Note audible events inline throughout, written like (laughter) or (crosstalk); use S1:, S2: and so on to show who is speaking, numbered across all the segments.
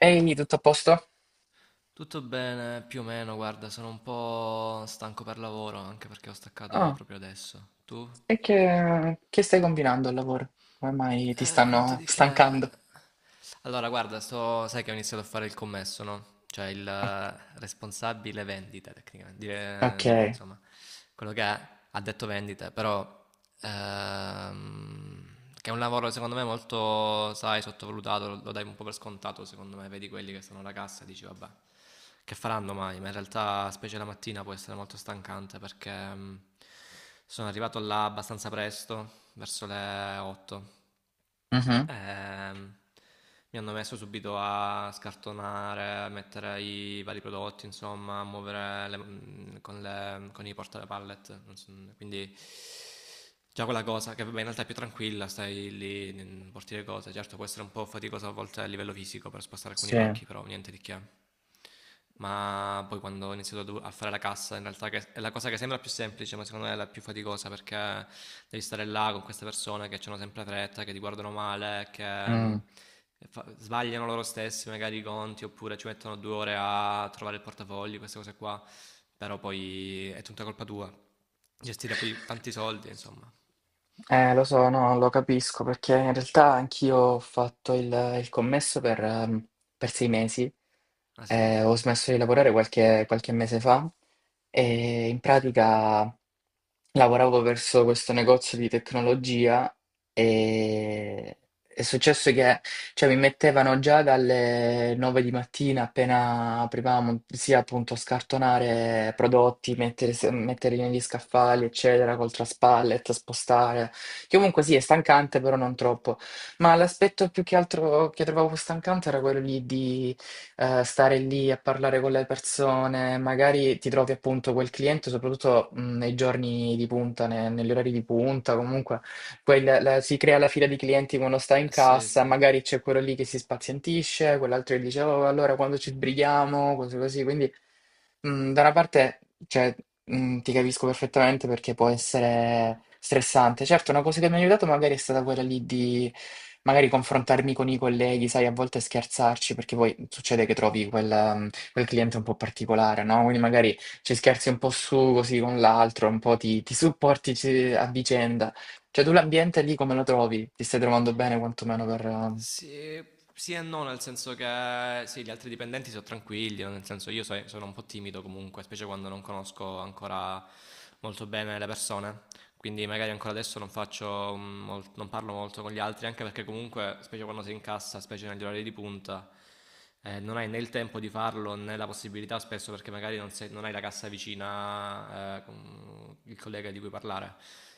S1: Ehi, tutto a posto?
S2: Tutto bene, più o meno, guarda, sono un po' stanco per lavoro, anche perché ho staccato
S1: Ah,
S2: proprio adesso. Tu?
S1: e che stai combinando al lavoro? Come mai ti
S2: Niente
S1: stanno
S2: di che.
S1: stancando?
S2: Allora, guarda, sai che ho iniziato a fare il commesso, no? Cioè il responsabile vendita, tecnicamente.
S1: Ok,
S2: Insomma, quello che ha detto vendita, però... ehm, che è un lavoro, secondo me, molto, sai, sottovalutato, lo dai un po' per scontato, secondo me. Vedi quelli che sono alla cassa e dici, vabbè, che faranno mai? Ma in realtà, specie la mattina, può essere molto stancante perché sono arrivato là abbastanza presto, verso le 8.
S1: mhm,
S2: Ehm, Mi hanno messo subito a scartonare, a mettere i vari prodotti, insomma, a muovere con i porta pallet. Non so. Quindi già quella cosa, che vabbè in realtà è più tranquilla, stai lì, porti le cose. Certo può essere un po' faticoso a volte a livello fisico per spostare alcuni
S1: sì,
S2: pacchi, però niente di che. Ma poi quando ho iniziato a fare la cassa, in realtà che è la cosa che sembra più semplice, ma secondo me è la più faticosa perché devi stare là con queste persone che hanno sempre fretta, che ti guardano male, che mm,
S1: mm.
S2: fa- sbagliano loro stessi magari i conti oppure ci mettono due ore a trovare il portafogli, queste cose qua, però poi è tutta colpa tua. Gestire poi tanti soldi, insomma.
S1: Lo so, no, lo capisco perché in realtà anch'io ho fatto il commesso per 6 mesi,
S2: Ah sì?
S1: ho smesso di lavorare qualche mese fa e in pratica lavoravo verso questo negozio di tecnologia e è successo che cioè mi mettevano già dalle 9 di mattina appena aprivamo, sia appunto scartonare prodotti, mettere, metterli negli scaffali, eccetera, col traspallet, spostare, che comunque sì è stancante, però non troppo. Ma l'aspetto più che altro che trovavo stancante era quello lì di stare lì a parlare con le persone, magari ti trovi appunto quel cliente, soprattutto nei giorni di punta, negli orari di punta, comunque poi si crea la fila di clienti quando sta in
S2: Eh sì,
S1: cassa,
S2: sì.
S1: magari c'è quello lì che si spazientisce, quell'altro che dice, oh, allora quando ci sbrighiamo, cose così. Quindi, da una parte, cioè, ti capisco perfettamente perché può essere stressante. Certo, una cosa che mi ha aiutato magari è stata quella lì di magari confrontarmi con i colleghi, sai, a volte scherzarci, perché poi succede che trovi quel cliente un po' particolare, no? Quindi magari ci scherzi un po' su, così con l'altro, un po' ti supporti a vicenda. Cioè, tu l'ambiente lì come lo trovi? Ti stai trovando bene quantomeno per...
S2: Sì, sì e no, nel senso che sì, gli altri dipendenti sono tranquilli, nel senso io sono un po' timido comunque, specie quando non conosco ancora molto bene le persone. Quindi magari ancora adesso non faccio non parlo molto con gli altri, anche perché comunque, specie quando sei in cassa, specie negli orari di punta, non hai né il tempo di farlo né la possibilità spesso perché magari non hai la cassa vicina, con il collega di cui parlare.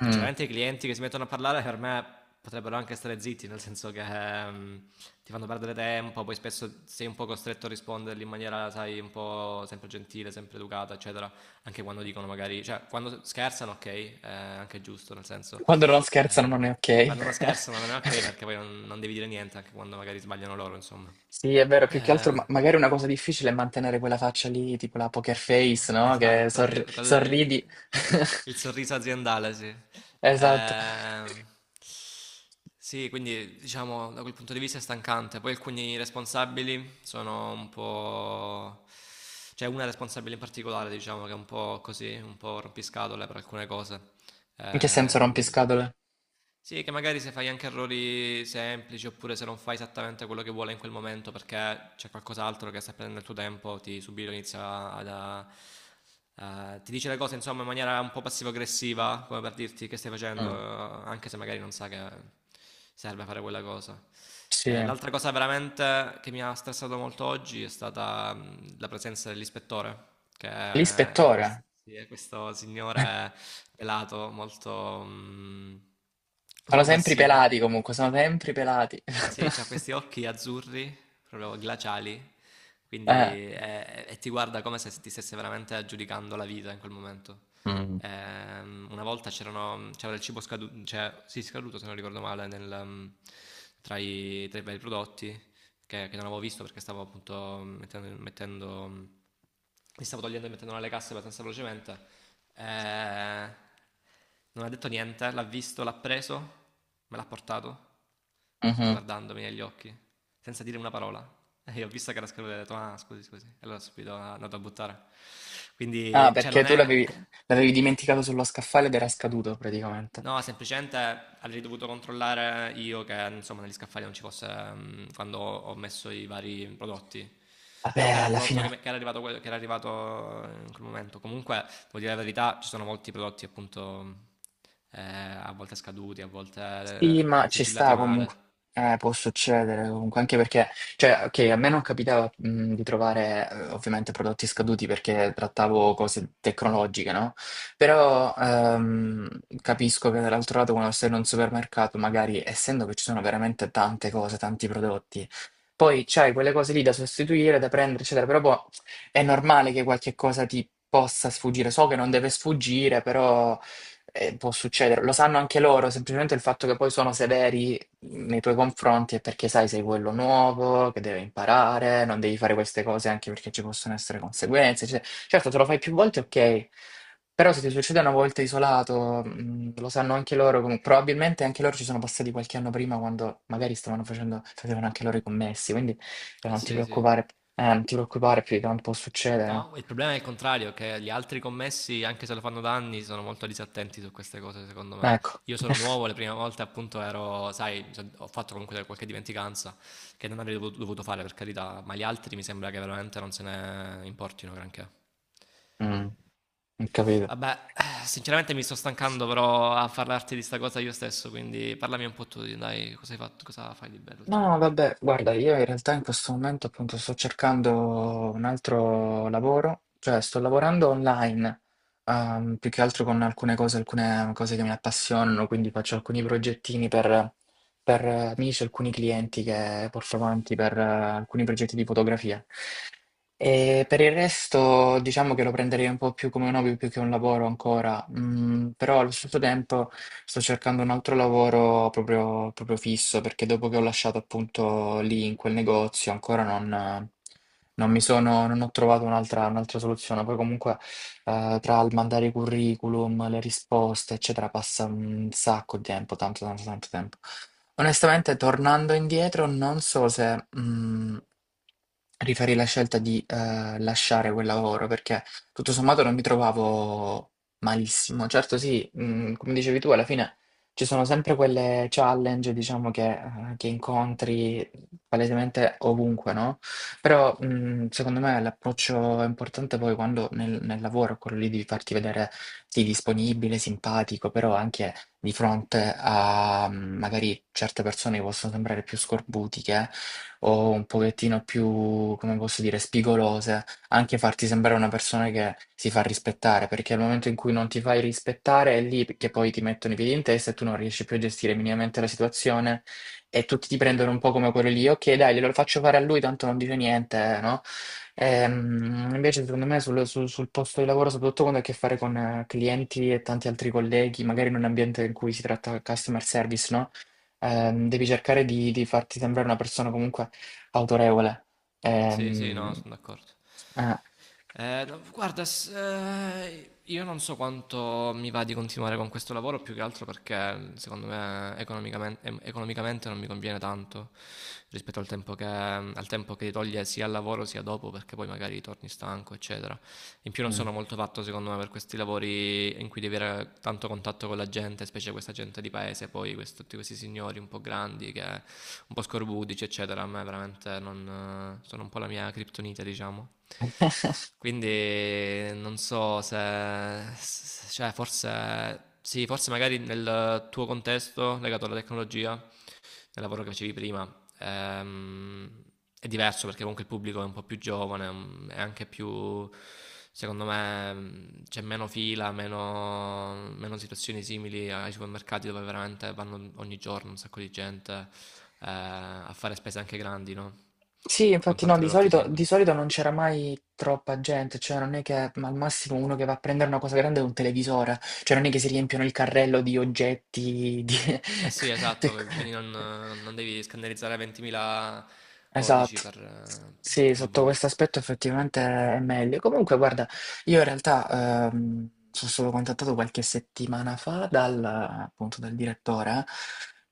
S1: mm.
S2: Sinceramente i clienti che si mettono a parlare per me potrebbero anche stare zitti, nel senso che ti fanno perdere tempo, poi spesso sei un po' costretto a risponderli in maniera, sai, un po' sempre gentile, sempre educata, eccetera, anche quando dicono magari, cioè quando scherzano ok, anche è giusto, nel senso,
S1: Quando non scherzano
S2: eh,
S1: non è ok.
S2: quando non scherzano non è ok
S1: (laughs)
S2: perché poi non devi dire niente anche quando magari sbagliano loro, insomma.
S1: Sì, è vero, più che altro,
S2: Eh,
S1: magari una cosa difficile è mantenere quella faccia lì, tipo la poker face,
S2: (laughs)
S1: no? Che
S2: esatto, sì, con le-
S1: sorridi.
S2: il, il
S1: (laughs)
S2: sorriso aziendale, sì.
S1: Esatto.
S2: Ehm, sì, quindi diciamo da quel punto di vista è stancante. Poi alcuni responsabili sono un po'... C'è una responsabile in particolare, diciamo, che è un po' così, un po' rompiscatole per alcune cose.
S1: In che senso
S2: Ehm,
S1: rompiscatole?
S2: sì, che magari se fai anche errori semplici, oppure se non fai esattamente quello che vuole in quel momento perché c'è qualcos'altro che sta prendendo il tuo tempo, ti subito inizia ad, a- a- ti dice le cose insomma in maniera un po' passivo-aggressiva, come per dirti che stai facendo,
S1: Mm.
S2: anche se magari non sa che serve fare quella cosa.
S1: Sì.
S2: L'altra cosa veramente che mi ha stressato molto oggi è stata la presenza dell'ispettore,
S1: L'ispettore.
S2: sì, è questo signore pelato, molto... un
S1: Sono
S2: po'
S1: sempre i
S2: bassino.
S1: pelati comunque, sono sempre i pelati.
S2: Sì, ha
S1: (laughs)
S2: questi occhi azzurri, proprio glaciali,
S1: Eh.
S2: quindi e ti guarda come se ti stesse veramente giudicando la vita in quel momento.
S1: Mm.
S2: Una volta c'era del cibo scaduto, cioè, sì, scaduto se non ricordo male, tra tra i vari prodotti che non avevo visto perché stavo appunto mi stavo togliendo e mettendo nelle casse abbastanza velocemente. Eh, Non ha detto niente, l'ha visto, l'ha preso, me l'ha portato,
S1: Mhm.
S2: guardandomi negli occhi, senza dire una parola. (laughs) E io ho visto che era scaduto e ho detto, ah, scusi, scusi. E allora subito è andato a buttare.
S1: Ah,
S2: Quindi, cioè,
S1: perché
S2: non
S1: tu
S2: è.
S1: l'avevi dimenticato sullo scaffale ed era scaduto praticamente.
S2: No, semplicemente avrei dovuto controllare io che insomma negli scaffali non ci fosse quando ho messo i vari prodotti. Però comunque
S1: Vabbè,
S2: era un
S1: alla
S2: prodotto
S1: fine
S2: che era arrivato in quel momento. Comunque, devo dire la verità, ci sono molti prodotti appunto a volte scaduti, a
S1: sì,
S2: volte
S1: ma ci
S2: sigillati
S1: sta comunque.
S2: male.
S1: Può succedere comunque, anche perché, cioè, ok, a me non capitava di trovare ovviamente prodotti scaduti perché trattavo cose tecnologiche, no? Però capisco che dall'altro lato, quando sei in un supermercato, magari essendo che ci sono veramente tante cose, tanti prodotti. Poi c'hai quelle cose lì da sostituire, da prendere, eccetera, però boh, è normale che qualche cosa ti possa sfuggire. So che non deve sfuggire, però può succedere. Lo sanno anche loro, semplicemente il fatto che poi sono severi nei tuoi confronti è perché sai, sei quello nuovo, che deve imparare, non devi fare queste cose anche perché ci possono essere conseguenze, eccetera. Certo, te lo fai più volte, ok, però se ti succede una volta isolato, lo sanno anche loro, probabilmente anche loro ci sono passati qualche anno prima quando magari facevano anche loro i commessi, quindi
S2: Eh
S1: non ti
S2: sì, sì.
S1: preoccupare, non ti preoccupare più di tanto può succedere. Eh.
S2: No, il problema è il contrario, che gli altri commessi, anche se lo fanno da anni, sono molto disattenti su queste cose, secondo me.
S1: Ecco,
S2: Io sono
S1: (laughs)
S2: nuovo, le prime volte appunto ero, sai, ho fatto comunque qualche dimenticanza che non avrei dovuto fare per carità, ma gli altri mi sembra che veramente non se ne importino granché.
S1: Mm, ho capito.
S2: Vabbè, sinceramente mi sto stancando però a parlarti di sta cosa io stesso, quindi parlami un po' tu, dai, cosa hai fatto, cosa fai di bello
S1: No, no,
S2: ultimamente?
S1: vabbè, guarda, io in realtà in questo momento appunto sto cercando un altro lavoro, cioè sto lavorando online, più che altro con alcune cose che mi appassionano, quindi faccio alcuni progettini per, amici, alcuni clienti che porto avanti per alcuni progetti di fotografia. E per il resto diciamo che lo prenderei un po' più come un hobby più che un lavoro ancora, mm, però allo stesso tempo sto cercando un altro lavoro proprio, proprio fisso perché dopo che ho lasciato appunto lì in quel negozio ancora non, non mi sono, non ho trovato un'altra soluzione. Poi comunque tra il mandare i curriculum, le risposte eccetera passa un sacco di tempo, tanto tanto tanto tempo. Onestamente tornando indietro non so se... rifarei la scelta di lasciare quel lavoro perché tutto sommato non mi trovavo malissimo. Certo, sì, come dicevi tu, alla fine ci sono sempre quelle challenge, diciamo, che incontri palesemente ovunque, no? Però secondo me l'approccio importante poi quando nel lavoro è quello lì di farti vedere sì, disponibile, simpatico, però anche di fronte a magari certe persone che possono sembrare più scorbutiche o un pochettino più, come posso dire, spigolose, anche farti sembrare una persona che si fa rispettare, perché al momento in cui non ti fai rispettare è lì che poi ti mettono i piedi in testa e tu non riesci più a gestire minimamente la situazione e tutti ti prendono un po' come quello lì, ok, dai, glielo faccio fare a lui, tanto non dice niente, no? Invece, secondo me, sul posto di lavoro, soprattutto quando hai a che fare con clienti e tanti altri colleghi, magari in un ambiente in cui si tratta customer service, no? Devi cercare di farti sembrare una persona comunque autorevole.
S2: Sì, sì, no,
S1: Ehm,
S2: sono d'accordo.
S1: eh.
S2: No, guarda, io non so quanto mi va di continuare con questo lavoro, più che altro perché secondo me economicamente, non mi conviene tanto rispetto al tempo al tempo che ti toglie sia al lavoro sia dopo, perché poi magari torni stanco, eccetera. In più non
S1: Mh.
S2: sono molto fatto secondo me per questi lavori in cui devi avere tanto contatto con la gente, specie questa gente di paese, poi tutti questi signori un po' grandi, che un po' scorbudici, eccetera. A me veramente non, sono un po' la mia criptonite, diciamo. Quindi non so se, cioè forse, sì, forse magari nel tuo contesto legato alla tecnologia nel lavoro che facevi prima. È diverso perché comunque il pubblico è un po' più giovane, è anche più, secondo me, c'è meno fila, meno situazioni simili ai supermercati dove veramente vanno ogni giorno un sacco di gente a fare spese anche grandi, no?
S1: Sì,
S2: Con
S1: infatti no,
S2: tanti
S1: di
S2: prodotti
S1: solito
S2: singoli.
S1: di solito non c'era mai troppa gente, cioè non è che ma al massimo uno che va a prendere una cosa grande è un televisore, cioè non è che si riempiono il carrello di oggetti, di
S2: Eh sì,
S1: (laughs)
S2: esatto,
S1: te-
S2: quindi non devi scannerizzare 20.000 codici
S1: Esatto.
S2: per
S1: Sì,
S2: ogni
S1: sotto
S2: volta.
S1: questo aspetto effettivamente è meglio. Comunque, guarda, io in realtà sono stato contattato qualche settimana fa dal, appunto, dal direttore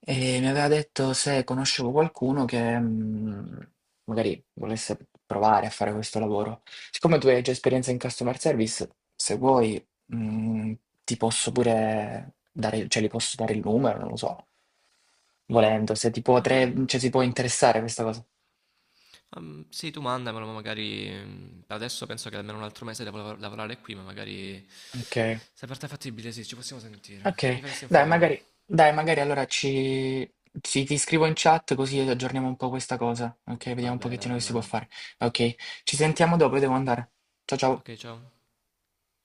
S1: e mi aveva detto se conoscevo qualcuno che magari volesse provare a fare questo lavoro. Siccome tu hai già esperienza in customer service, se vuoi, mm, ti posso pure dare, cioè, gli posso dare il numero, non lo so, volendo, se ti può,
S2: Ma fa-
S1: cioè, si può interessare questa cosa.
S2: Sì, tu mandamelo, ma magari adesso penso che almeno un altro mese devo lavorare qui, ma magari
S1: Ok,
S2: se per te è fattibile, sì, ci possiamo sentire.
S1: ok.
S2: Mi faresti un
S1: Dai, magari,
S2: favore?
S1: dai, magari allora ci... sì, ti scrivo in chat così aggiorniamo un po' questa cosa. Ok, vediamo
S2: Va
S1: un
S2: bene,
S1: pochettino
S2: va
S1: che si può
S2: bene.
S1: fare. Ok, ci sentiamo dopo, io devo andare. Ciao ciao.
S2: Ok, ciao.